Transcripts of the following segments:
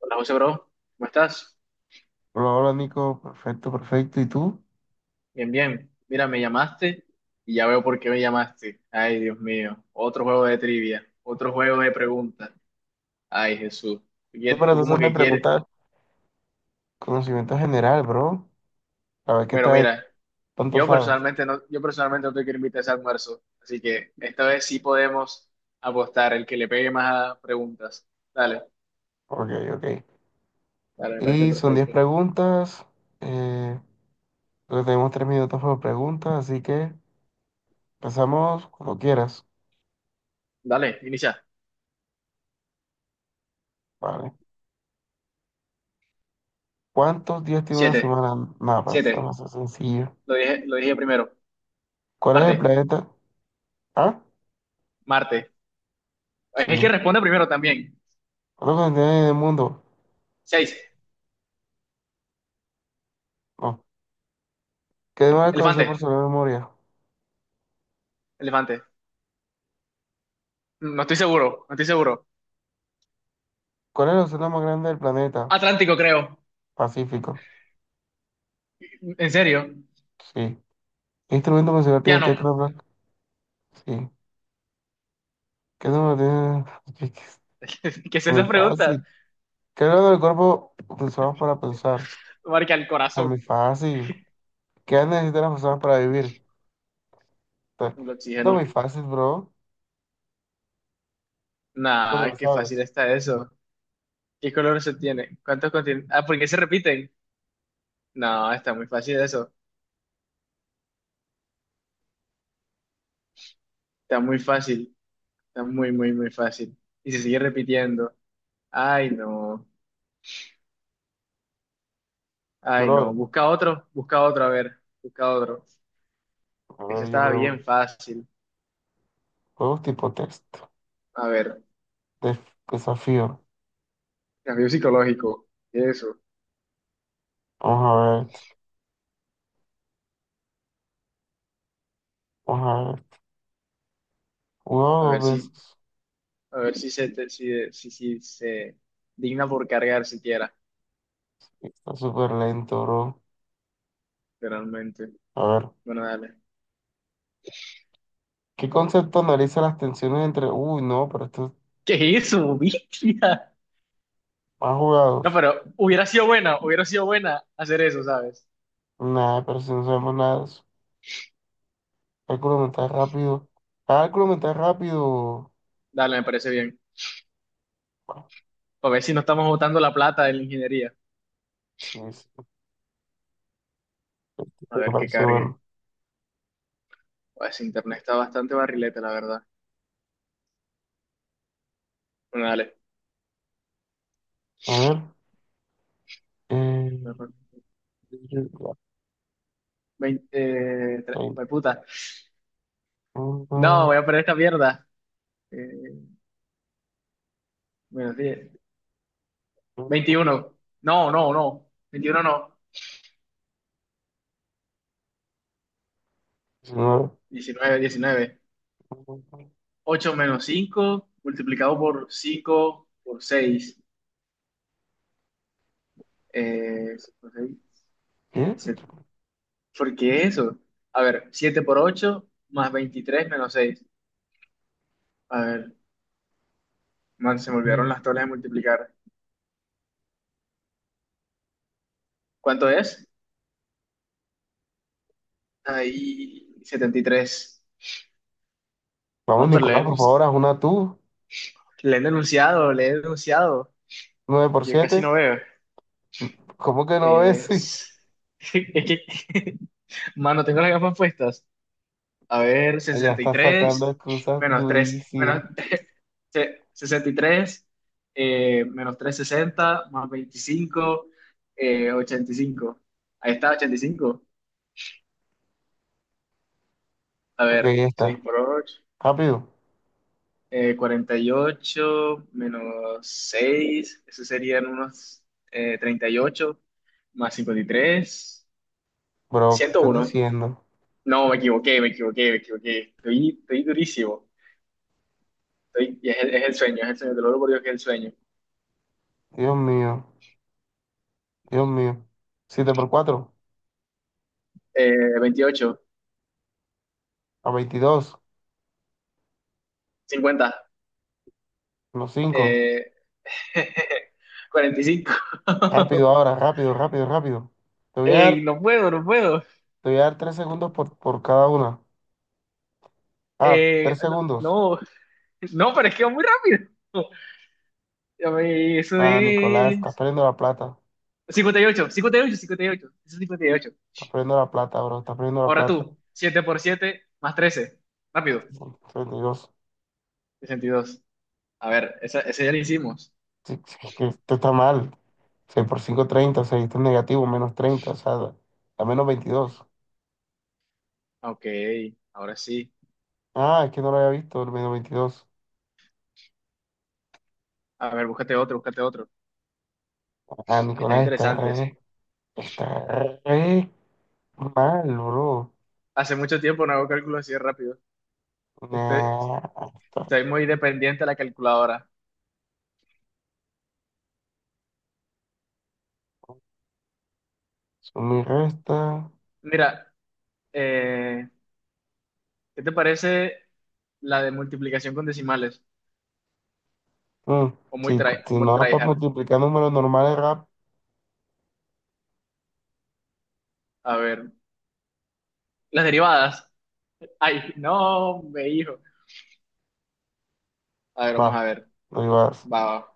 Hola José, bro, ¿cómo estás? Hola, hola Nico, perfecto, perfecto. ¿Y tú? Bien, bien. Mira, me llamaste y ya veo por qué me llamaste. Ay, Dios mío, otro juego de trivia, otro juego de preguntas. Ay, Jesús, Estoy para tú como tratar de que quieres. preguntar conocimiento general, bro. A ver qué Pero tal, mira, tanto sabes. Yo personalmente no te quiero invitar a ese almuerzo, así que esta vez sí podemos apostar el que le pegue más a preguntas. Dale, Ok, ok. dale, me parece Y son 10 perfecto. preguntas. Eh, Creo que tenemos 3 minutos por pregunta, así que empezamos cuando quieras. Dale, inicia. Vale. ¿Cuántos días tiene una Siete, semana? Nada, para estar siete. más sencillo. Lo dije primero. ¿Cuál es el Marte, planeta? Ah, Marte. Es el que sí. responde primero también. ¿Cuántos continentes hay en el mundo? Seis. No. ¿Qué animal es conocido Elefante, por su gran memoria? elefante. No estoy seguro, no estoy seguro. ¿Cuál es el océano más grande del planeta? Atlántico, creo. Pacífico. ¿En serio? Sí. ¿Qué instrumento musical tiene Piano, Tecla no. Black? Sí. ¿Qué número tiene? Es ¿Qué es muy esas preguntas? fácil. ¿Qué órgano del cuerpo usamos para pensar? Marca el Está muy corazón. fácil. ¿Qué necesitan las personas para vivir? Está, El está oxígeno. muy fácil, bro. Tú te lo Nah, qué fácil sabes. está eso. ¿Qué color se tiene? ¿Cuántos continentes? Ah, ¿por qué se repiten? No, está muy fácil eso. Está muy fácil. Está muy, muy, muy fácil. Y se sigue repitiendo. Ay, no. Ay, no. Bro, Busca otro, a ver. Busca otro. a Eso ver, yo estaba bien pregunto. fácil. Juegos tipo texto. A ver, Def- desafío. cambio psicológico. Eso. Vamos a ver. Vamos a ver. A Wow, dos ver si. veces. A ver si se, si se digna por cargar siquiera, Está súper lento, bro. realmente. A ver. Bueno, dale. ¿Qué concepto analiza las tensiones entre... Uy, no, pero estos ¿Qué es eso, bestia? más No, jugados. pero hubiera sido buena hacer eso, ¿sabes? Nada, pero si no sabemos nada de eso. Cálculo mental rápido. Cálculo mental rápido. Dale, me parece bien. Bueno, A ver si no estamos botando la plata de la ingeniería. sí, sí, A me ver que parece cargue. bueno. Pues internet está bastante barrilete, la verdad. Bueno, dale. A ver. Eh, ya, 20, 30. jue puta. No, voy Uno, a poner esta mierda. Eh, Menos 10. uno, 21. No, no, no. Veintiuno no. 19. 19 19 Ocho menos 5 multiplicado por 5 por 6. Por seis. ¿Qué? se- ¿Por qué eso? A ver, 7 por 8 más 23 menos seis. A ver, man, se me olvidaron las tablas de multiplicar. ¿Cuánto es? Ahí, 73. Vamos, Man, pero Nicolás, por favor, haz una tú. le he denunciado, le he denunciado. Nueve por Yo casi siete. no veo. ¿Cómo que no ves? Es, es que, man, no tengo las gafas puestas. A ver, Ya sesenta y está sacando tres excusas menos 3 menos, durísimas. 63, menos 360 más 25, 85. Ahí está, 85. A Ok, ver, ya está. 6 por 8, Rápido. 48 menos seis eso serían unos, 38 más 53 Bro, ¿qué ciento estás uno diciendo? No, me equivoqué, me equivoqué, me equivoqué. Estoy durísimo. Y es el sueño, es el sueño, te lo juro por Dios que es el sueño. Dios mío, Dios mío. Siete por cuatro. 28, A veintidós. 50, Los cinco. eh, 45. Rápido ahora, rápido, rápido, rápido. Te voy a Ey, dar, no puedo, no puedo. te voy a dar tres segundos por cada una. Ah, Eh, tres segundos. no, no, no, pero es que va muy rápido. Ya ve, eso Ah, Nicolás, estás es perdiendo la plata. 58, 58, 58. Eso es 58. Estás perdiendo la plata, bro. Estás perdiendo la Ahora plata. tú, siete por siete más 13. Rápido, 32. 62. A ver, esa ya la hicimos. Sí, sí, es que esto está mal. Seis por cinco, 30 seis, esto es negativo, menos treinta. O sea, da menos veintidós. Ok, ahora sí. Ah, es que no lo había visto, el menos veintidós. A ver, búscate otro, búscate otro. Ah, Que están Nicolás, interesantes. Está re mal, bro. Hace mucho tiempo no hago cálculos así de rápido. Este, Nah, está. Soy muy dependiente de la calculadora. Suma y resta. Mira, eh, ¿qué te parece la de multiplicación con decimales? Mm, O si, muy, try, o si muy no da tryhard. multiplicar números normales rap, A ver, las derivadas. Ay, no, me hijo. A ver, vamos va, a ver. lo llevas. Va, va.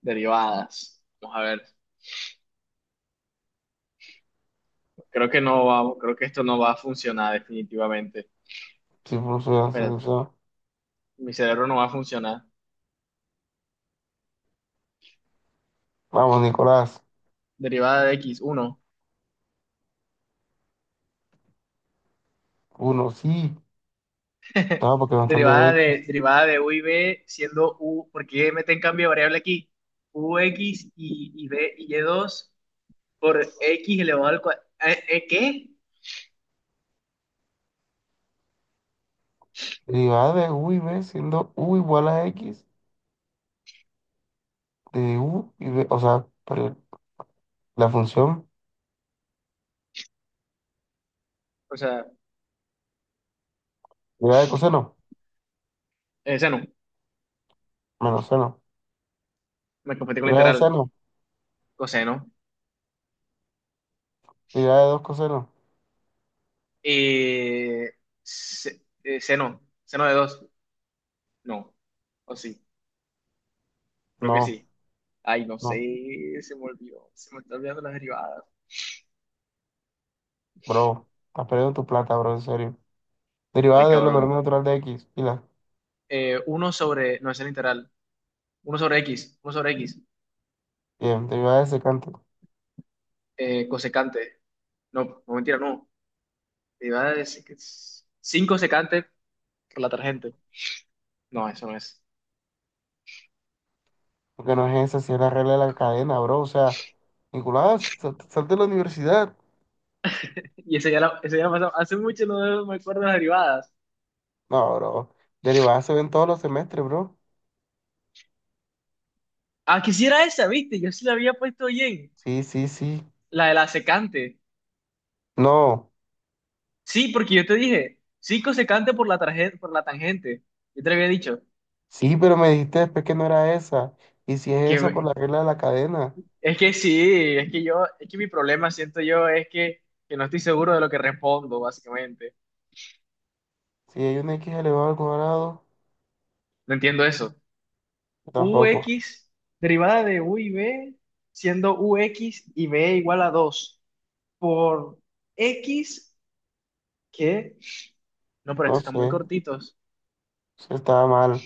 Derivadas. Vamos a ver. Creo que no va, creo que esto no va a funcionar definitivamente. Si funciona, si Espérate, funciona. mi cerebro no va a funcionar. Vamos, Nicolás. Derivada de x, uno. Uno, sí. No, porque va a estar de Derivada de, X. derivada de u y b siendo u, porque meten cambio de variable aquí, ux y b y y2 por x elevado al cuadrado. ¿Qué? Derivada de U y B siendo U igual a X de U y B. O sea, pero la función O sea, derivada de coseno, seno, menos seno. me confundí con la Derivada de integral, seno, coseno. derivada de dos cosenos. Eh, seno de dos, no, o sí, creo que No, sí. Ay, no sé, no, se me olvidó, se me está olvidando las derivadas. bro. Estás perdiendo tu plata, bro, en serio. Estoy Derivada del logaritmo cabrón. natural de X. Pila. 1 sobre, no es el integral, uno sobre x. Bien, derivada de secante. Cosecante. No, no, mentira, no. Te iba a decir que es cinco secantes por la tarjeta. No, eso no es. Porque no es esa, si es la regla de la cadena, bro. O sea, Nicolás, sal de la universidad. Y ese ya la pasamos. Hace mucho no me acuerdo de las derivadas. No, bro. Derivadas se ven todos los semestres, bro. Ah, quisiera esa, ¿viste? Yo sí la había puesto bien. Sí, sí, sí. La de la secante. No. Sí, porque yo te dije, cinco secante por la tarjeta, por la tangente. Yo te lo había dicho. Sí, pero me dijiste después que no era esa. Y si Y es esa por que, la regla de la cadena. es que sí, es que yo, es que mi problema, siento yo, es que no estoy seguro de lo que respondo, básicamente. Si hay un x elevado al cuadrado, No entiendo eso. tampoco. UX derivada de U y B, siendo u x y B igual a 2 por X que... No, pero No estos están sé. muy cortitos. Se estaba mal.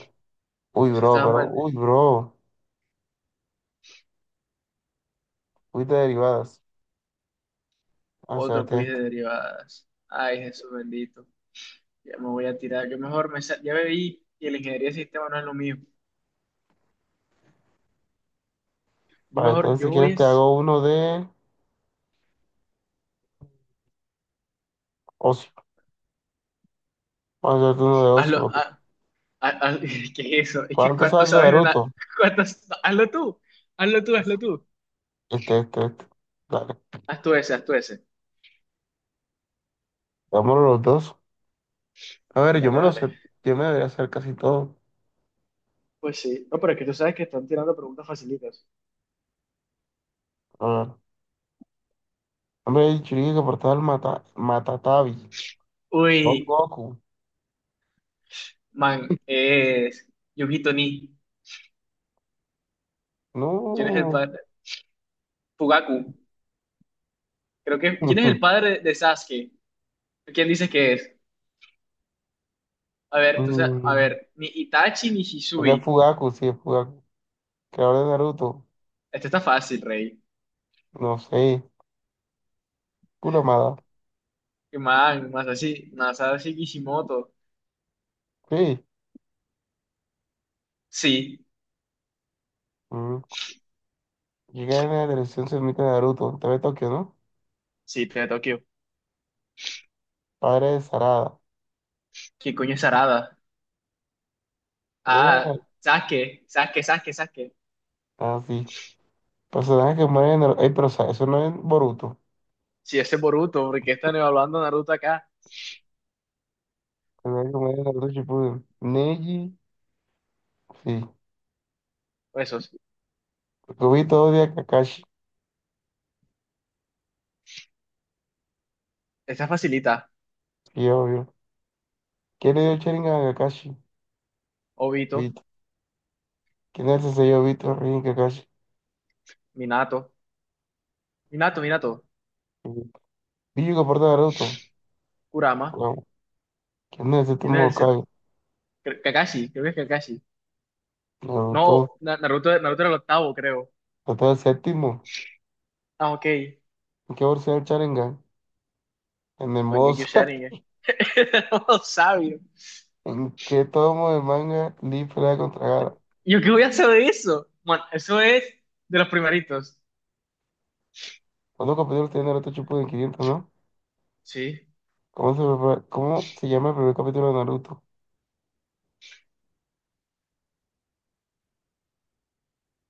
Uy, Eso bro, estaba pero. mal. Uy, bro. Uy, de derivadas. Vamos a Otro hacerte quiz de esto. derivadas. Ay, Jesús bendito. Ya me voy a tirar. Yo mejor me... Ya me vi y la ingeniería de sistemas no es lo mío. Yo Vale, mejor, entonces si yo voy quieres te es... hago uno de ocio. Vamos a hacerte uno de ocio. Hazlo... Ok. ¿Qué es eso? Es que ¿Cuánto cuánto sabes de sabes de nada. Naruto? ¿Cuántos... Hazlo tú. Hazlo tú, hazlo tú. Este. Dale. Haz tú ese, haz tú ese. Vámonos los dos. A ver, yo Dale, me lo dale. sé. Yo me debería hacer casi todo. Pues sí, no, pero es que tú sabes que están tirando preguntas facilitas. A ver. Hombre, el Churinga que portaba el mata, Matatabi. Uy, Son Goku. man, es Yugito Ni. ¿Quién es el No. padre? Fugaku. Creo que. ¿Quién es el padre de Sasuke? ¿Quién dice que es? A ver, tú sabes a Mm, ver, ni Itachi ni creo que es Hisui. Fugaku, sí, es Fugaku. Creador de Naruto. Este está fácil, rey. No sé. Kuramada. Y man, Masashi Kishimoto. Sí. Sí, Mm. Llega en la televisión se emite Naruto. Te ve Tokio, ¿no? sí, te Tokio. Padre de Sarada. ¿Qué coño es Arada? ¿Vale? Ah, Sasuke, Sasuke, Sasuke, Sasuke. Ah, sí. Personaje que muere en Naruto. Ey, pero o sea, eso no es Boruto. Sí, ese es Boruto, porque están evaluando a Naruto acá. Personaje que muere en Naruto Shippuden. Neji. Sí, Pues eso, porque vi todo de Kakashi, esta facilita, sí, obvio. ¿Quién le dio el Sharingan a Kakashi? Obito. Vito. ¿Quién es ese yo, Vito, Rin, Kakashi? Minato. Minato, Minato. Vito. Billo que porta Naruto. Kurama. Wow. ¿Quién es el ¿Quién séptimo es el set- Hokage? Cre- Kakashi, creo que es Kakashi. Naruto. No, Naruto era el octavo, creo. Hasta el séptimo. Ah, ok. ¿En qué versión el Sharingan? En el Mangekyo Mozo. Sharingan. Oh, sabio. ¿En qué tomo de manga Lee pelea contra Gaara? ¿Yo qué voy a hacer de eso? Bueno, eso es de los primeritos. ¿Cuántos capítulos tiene Naruto Shippuden? 500, ¿no? Sí, ¿Cómo se llama el primer capítulo de Naruto?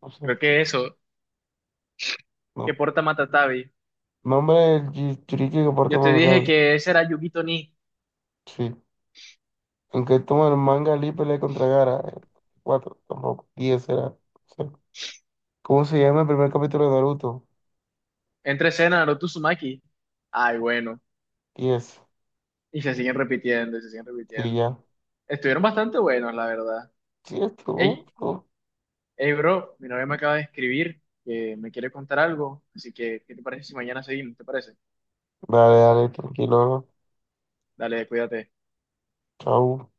No sé. creo que eso, que No. porta Matatabi. Nombre del Jinchuriki que porta Yo te dije Madara. que ese era Yugito Ni. Aunque toma el manga Lee pelea contra Gara. Cuatro, tampoco. Diez será. O ¿cómo se llama el primer capítulo de Naruto? Entre escena, Naruto Uzumaki. Ay, bueno. Diez. Y se siguen repitiendo, y se siguen Sí, repitiendo. ya. Estuvieron bastante buenos, la verdad. Sí, esto. Ey, Hey, bro, mi novia me acaba de escribir que me quiere contar algo, así que, ¿qué te parece si mañana seguimos? ¿Te parece? Dale, dale, tranquilo. Dale, cuídate. Chau.